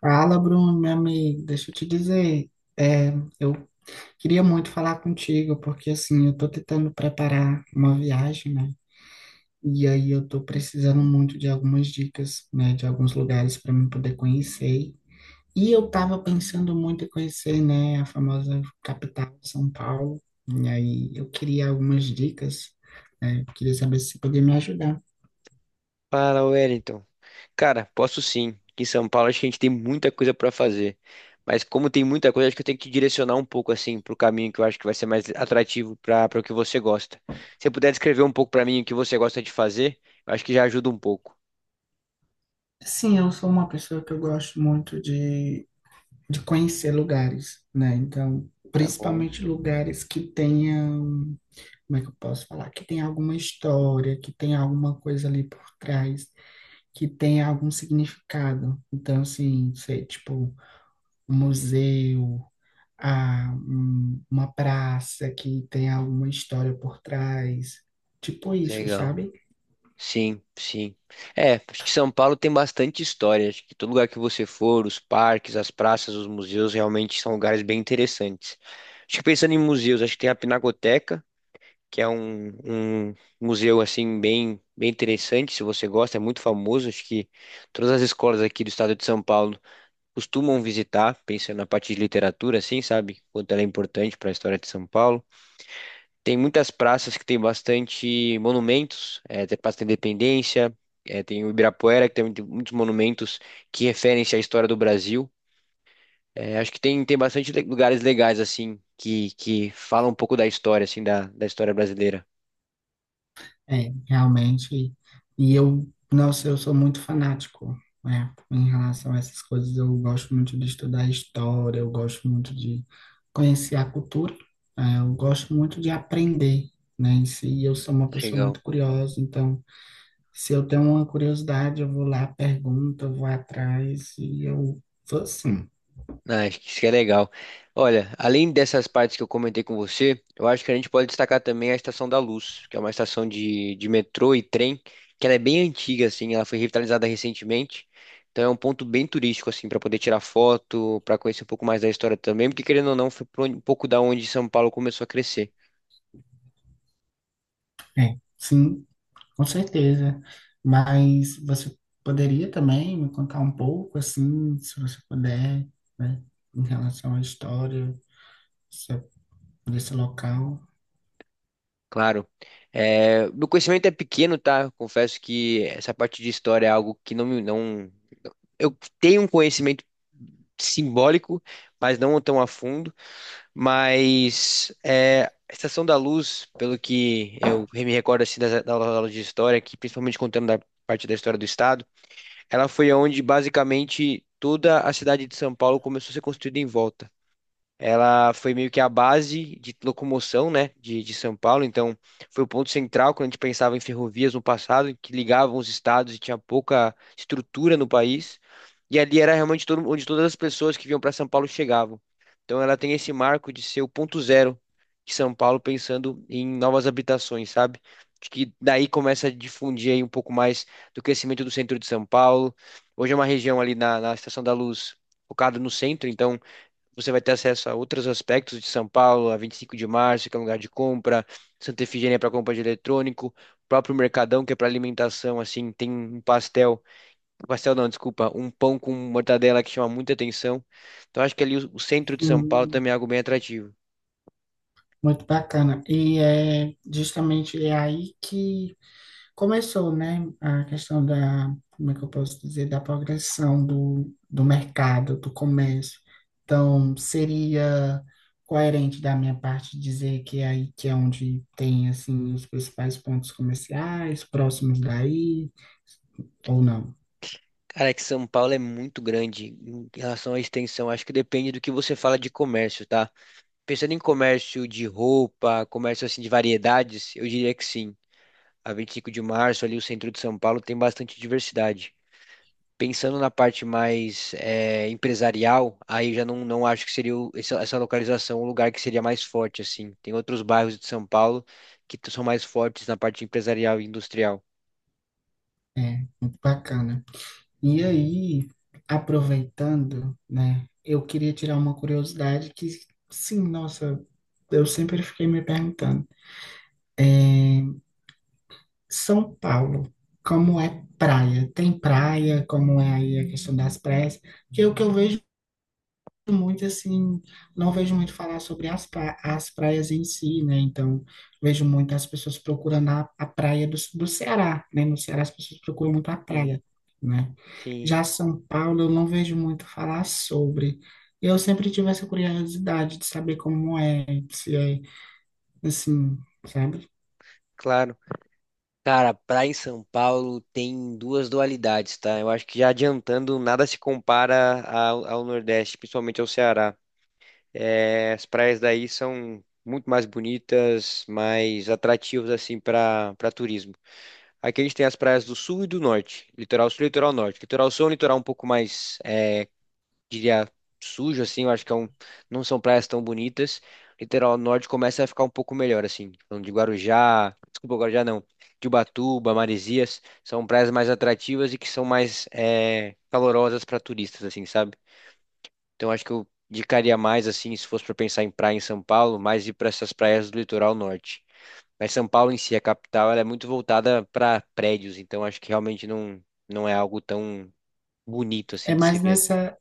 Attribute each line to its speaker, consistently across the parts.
Speaker 1: Fala, Bruno, meu amigo, deixa eu te dizer, é, eu queria muito falar contigo, porque assim, eu tô tentando preparar uma viagem, né? E aí eu tô precisando muito de algumas dicas, né, de alguns lugares para mim poder conhecer. E eu tava pensando muito em conhecer, né, a famosa capital, São Paulo. E aí eu queria algumas dicas, né? Eu queria saber se você podia me ajudar.
Speaker 2: Fala, Wellington. Cara, posso sim. Aqui em São Paulo acho que a gente tem muita coisa para fazer. Mas como tem muita coisa, acho que eu tenho que direcionar um pouco assim para o caminho que eu acho que vai ser mais atrativo para o que você gosta. Se você puder descrever um pouco para mim o que você gosta de fazer, eu acho que já ajuda um pouco.
Speaker 1: Sim, eu sou uma pessoa que eu gosto muito de conhecer lugares, né? Então,
Speaker 2: Tá bom,
Speaker 1: principalmente lugares que tenham, como é que eu posso falar? Que tenha alguma história, que tenha alguma coisa ali por trás, que tenha algum significado. Então, assim, sei, tipo, um museu, ah, uma praça que tenha alguma história por trás. Tipo isso,
Speaker 2: legal.
Speaker 1: sabe?
Speaker 2: Sim, sim. É, acho que São Paulo tem bastante história. Acho que todo lugar que você for, os parques, as praças, os museus realmente são lugares bem interessantes. Acho que pensando em museus, acho que tem a Pinacoteca, que é um museu assim bem interessante, se você gosta, é muito famoso, acho que todas as escolas aqui do estado de São Paulo costumam visitar, pensando na parte de literatura assim, sabe? Quanto ela é importante para a história de São Paulo. Tem muitas praças que tem bastante monumentos, é, tem a Praça da Independência, é, tem o Ibirapuera, que tem muitos monumentos que referem-se à história do Brasil. É, acho que tem, tem bastante lugares legais, assim, que falam um pouco da história, assim, da história brasileira.
Speaker 1: É, realmente. E eu, nossa, eu sou muito fanático, né, em relação a essas coisas. Eu gosto muito de estudar história, eu gosto muito de conhecer a cultura, né, eu gosto muito de aprender, né, em si. Eu sou uma pessoa
Speaker 2: Legal.
Speaker 1: muito curiosa, então, se eu tenho uma curiosidade, eu vou lá, pergunto, eu vou atrás, e eu sou assim.
Speaker 2: Ah, acho que isso que é legal. Olha, além dessas partes que eu comentei com você, eu acho que a gente pode destacar também a Estação da Luz, que é uma estação de metrô e trem, que ela é bem antiga, assim, ela foi revitalizada recentemente. Então é um ponto bem turístico, assim, para poder tirar foto, para conhecer um pouco mais da história também, porque querendo ou não, foi um pouco da onde São Paulo começou a crescer.
Speaker 1: É, sim, com certeza. Mas você poderia também me contar um pouco, assim, se você puder, né, em relação à história se- desse local?
Speaker 2: Claro. É, meu conhecimento é pequeno, tá? Confesso que essa parte de história é algo que não, eu tenho um conhecimento simbólico, mas não tão a fundo. Mas é, a Estação da Luz, pelo que eu me recordo assim, das aulas de história, que principalmente contando da parte da história do Estado, ela foi onde basicamente toda a cidade de São Paulo começou a ser construída em volta. Ela foi meio que a base de locomoção, né, de São Paulo. Então, foi o ponto central quando a gente pensava em ferrovias no passado, que ligavam os estados e tinha pouca estrutura no país. E ali era realmente todo, onde todas as pessoas que vinham para São Paulo chegavam. Então, ela tem esse marco de ser o ponto zero de São Paulo, pensando em novas habitações, sabe? Acho que daí começa a difundir aí um pouco mais do crescimento do centro de São Paulo. Hoje é uma região ali na Estação da Luz focada no centro, então. Você vai ter acesso a outros aspectos de São Paulo, a 25 de março, que é um lugar de compra, Santa Efigênia para compra de eletrônico, o próprio Mercadão, que é para alimentação, assim, tem um pastel, pastel não, desculpa, um pão com mortadela que chama muita atenção. Então acho que ali o centro de São Paulo
Speaker 1: Sim,
Speaker 2: também é algo bem atrativo.
Speaker 1: muito bacana. E é justamente é aí que começou, né, a questão da, como é que eu posso dizer, da progressão do mercado, do comércio. Então, seria coerente da minha parte dizer que é aí que é onde tem, assim, os principais pontos comerciais, próximos daí, ou não.
Speaker 2: Cara, é que São Paulo é muito grande em relação à extensão. Acho que depende do que você fala de comércio, tá? Pensando em comércio de roupa, comércio assim de variedades, eu diria que sim. A 25 de março, ali o centro de São Paulo, tem bastante diversidade. Pensando na parte mais é, empresarial, aí já não acho que seria essa, essa localização o lugar que seria mais forte, assim. Tem outros bairros de São Paulo que são mais fortes na parte empresarial e industrial.
Speaker 1: É, muito bacana. E aí, aproveitando, né, eu queria tirar uma curiosidade que, sim, nossa, eu sempre fiquei me perguntando. É, São Paulo, como é praia? Tem praia, como é aí a questão das praias? Que é o que eu vejo muito, assim, não vejo muito falar sobre as, as praias em si, né? Então, vejo muito as pessoas procurando a praia do, do Ceará, né? No Ceará as pessoas procuram muito a
Speaker 2: Sim,
Speaker 1: praia, né?
Speaker 2: sim,
Speaker 1: Já São Paulo eu não vejo muito falar sobre. Eu sempre tive essa curiosidade de saber como é, se é, assim, sabe?
Speaker 2: claro. Cara, praia em São Paulo tem duas dualidades, tá? Eu acho que já adiantando, nada se compara ao Nordeste, principalmente ao Ceará. É, as praias daí são muito mais bonitas, mais atrativas assim para turismo. Aqui a gente tem as praias do sul e do norte, litoral sul e litoral norte. Litoral sul é um litoral um pouco mais, é, diria, sujo assim, eu acho que é um, não são praias tão bonitas. Litoral norte começa a ficar um pouco melhor assim, falando de Guarujá, desculpa, Guarujá não, de Ubatuba, Maresias, são praias mais atrativas e que são mais é, calorosas para turistas assim, sabe? Então acho que eu indicaria mais assim, se fosse para pensar em praia em São Paulo, mais ir para essas praias do litoral norte. Mas São Paulo em si, a capital, ela é muito voltada para prédios, então acho que realmente não é algo tão bonito assim
Speaker 1: É
Speaker 2: de se
Speaker 1: mais
Speaker 2: ver.
Speaker 1: nessa,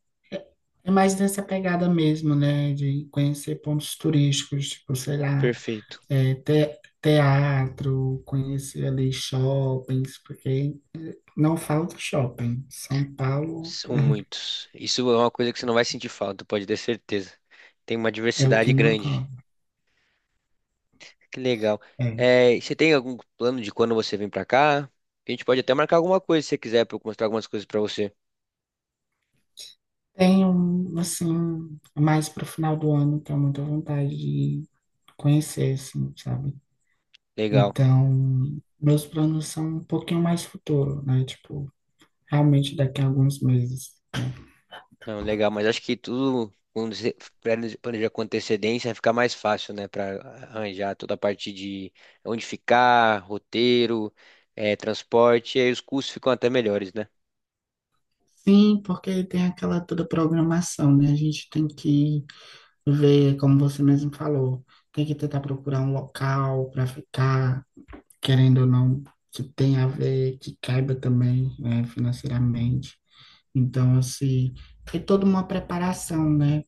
Speaker 1: é mais nessa pegada mesmo, né? De conhecer pontos turísticos, tipo, sei lá,
Speaker 2: Perfeito.
Speaker 1: é, teatro, conhecer ali shoppings, porque não falta shopping. São Paulo
Speaker 2: São muitos. Isso é uma coisa que você não vai sentir falta, pode ter certeza. Tem uma
Speaker 1: é o
Speaker 2: diversidade
Speaker 1: que não
Speaker 2: grande.
Speaker 1: falta.
Speaker 2: Que legal.
Speaker 1: É.
Speaker 2: É, e você tem algum plano de quando você vem para cá? A gente pode até marcar alguma coisa se você quiser para eu mostrar algumas coisas para você.
Speaker 1: Tenho, assim, mais para o final do ano, tenho muita vontade de conhecer, assim, sabe?
Speaker 2: Legal.
Speaker 1: Então, meus planos são um pouquinho mais futuro, né? Tipo, realmente daqui a alguns meses.
Speaker 2: Não, legal, mas acho que tudo, quando você planeja com antecedência, fica mais fácil, né, para arranjar toda a parte de onde ficar, roteiro, transporte, e aí os custos ficam até melhores, né?
Speaker 1: Sim, porque tem aquela toda programação, né? A gente tem que ver, como você mesmo falou, tem que tentar procurar um local para ficar, querendo ou não, que tenha a ver, que caiba também, né, financeiramente. Então, assim, é toda uma preparação, né?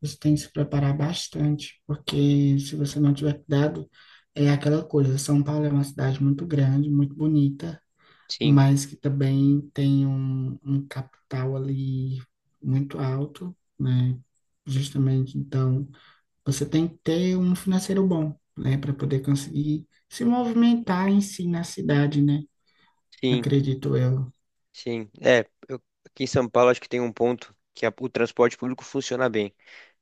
Speaker 1: Você tem que se preparar bastante, porque se você não tiver cuidado, é aquela coisa. São Paulo é uma cidade muito grande, muito bonita,
Speaker 2: Sim,
Speaker 1: mas que também tem um capital ali muito alto, né? Justamente, então, você tem que ter um financeiro bom, né, para poder conseguir se movimentar em si na cidade, né?
Speaker 2: sim,
Speaker 1: Acredito eu,
Speaker 2: sim. É, eu- aqui em São Paulo acho que tem um ponto que o transporte público funciona bem.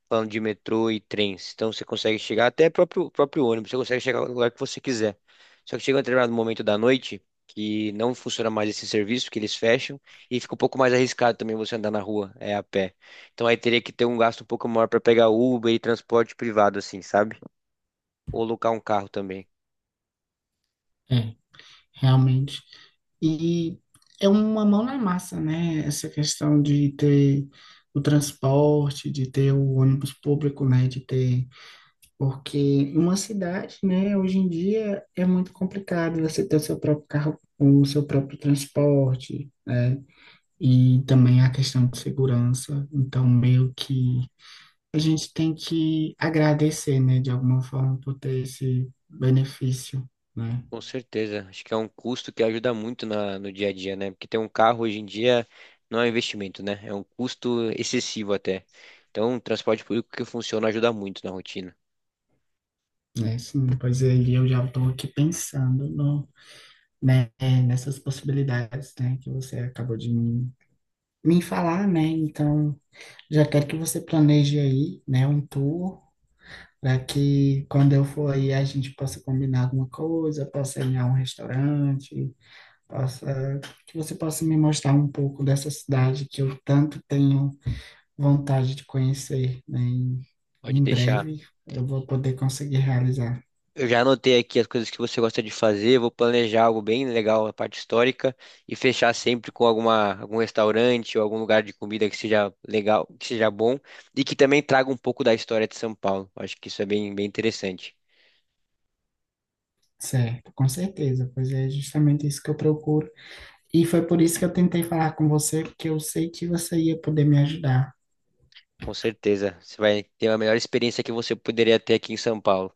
Speaker 2: Falando de metrô e trens. Então você consegue chegar até próprio ônibus, você consegue chegar no lugar que você quiser. Só que chega um determinado momento da noite que não funciona mais esse serviço, que eles fecham e fica um pouco mais arriscado também você andar na rua, é a pé. Então aí teria que ter um gasto um pouco maior para pegar Uber e transporte privado assim, sabe? Ou locar um carro também.
Speaker 1: é, realmente. E é uma mão na massa, né? Essa questão de ter o transporte, de ter o ônibus público, né? De ter porque uma cidade, né, hoje em dia é muito complicado você ter o seu próprio carro, o seu próprio transporte, né? E também a questão de segurança. Então, meio que a gente tem que agradecer, né, de alguma forma por ter esse benefício, né?
Speaker 2: Com certeza. Acho que é um custo que ajuda muito na, no dia a dia, né? Porque ter um carro hoje em dia não é um investimento, né? É um custo excessivo até. Então, o transporte público que funciona ajuda muito na rotina.
Speaker 1: Né, sim, pois aí eu já estou aqui pensando no, né, nessas possibilidades, né, que você acabou de me falar, né? Então, já quero que você planeje aí, né, um tour para que quando eu for aí a gente possa combinar alguma coisa, possa ir a um restaurante, possa que você possa me mostrar um pouco dessa cidade que eu tanto tenho vontade de conhecer, né? E
Speaker 2: Pode
Speaker 1: em
Speaker 2: deixar.
Speaker 1: breve eu vou poder conseguir realizar.
Speaker 2: Eu já anotei aqui as coisas que você gosta de fazer, vou planejar algo bem legal na parte histórica e fechar sempre com alguma, algum restaurante ou algum lugar de comida que seja legal, que seja bom e que também traga um pouco da história de São Paulo. Acho que isso é bem, bem interessante.
Speaker 1: Certo, com certeza, pois é justamente isso que eu procuro. E foi por isso que eu tentei falar com você, porque eu sei que você ia poder me ajudar.
Speaker 2: Com certeza. Você vai ter a melhor experiência que você poderia ter aqui em São Paulo.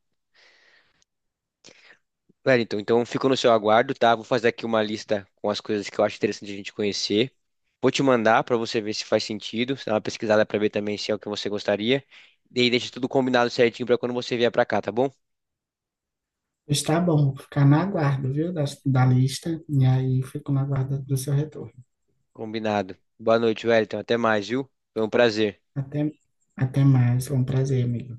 Speaker 2: Wellington, então fico no seu aguardo, tá? Vou fazer aqui uma lista com as coisas que eu acho interessante a gente conhecer. Vou te mandar para você ver se faz sentido, se dá uma pesquisada para ver também se é o que você gostaria. E aí deixa tudo combinado certinho para quando você vier para cá, tá bom?
Speaker 1: Está bom, vou ficar na guarda, viu, da lista, e aí fico na guarda do seu retorno.
Speaker 2: Combinado. Boa noite, Wellington. Até mais, viu? Foi um prazer.
Speaker 1: Até, Até mais. Foi um prazer, amigo.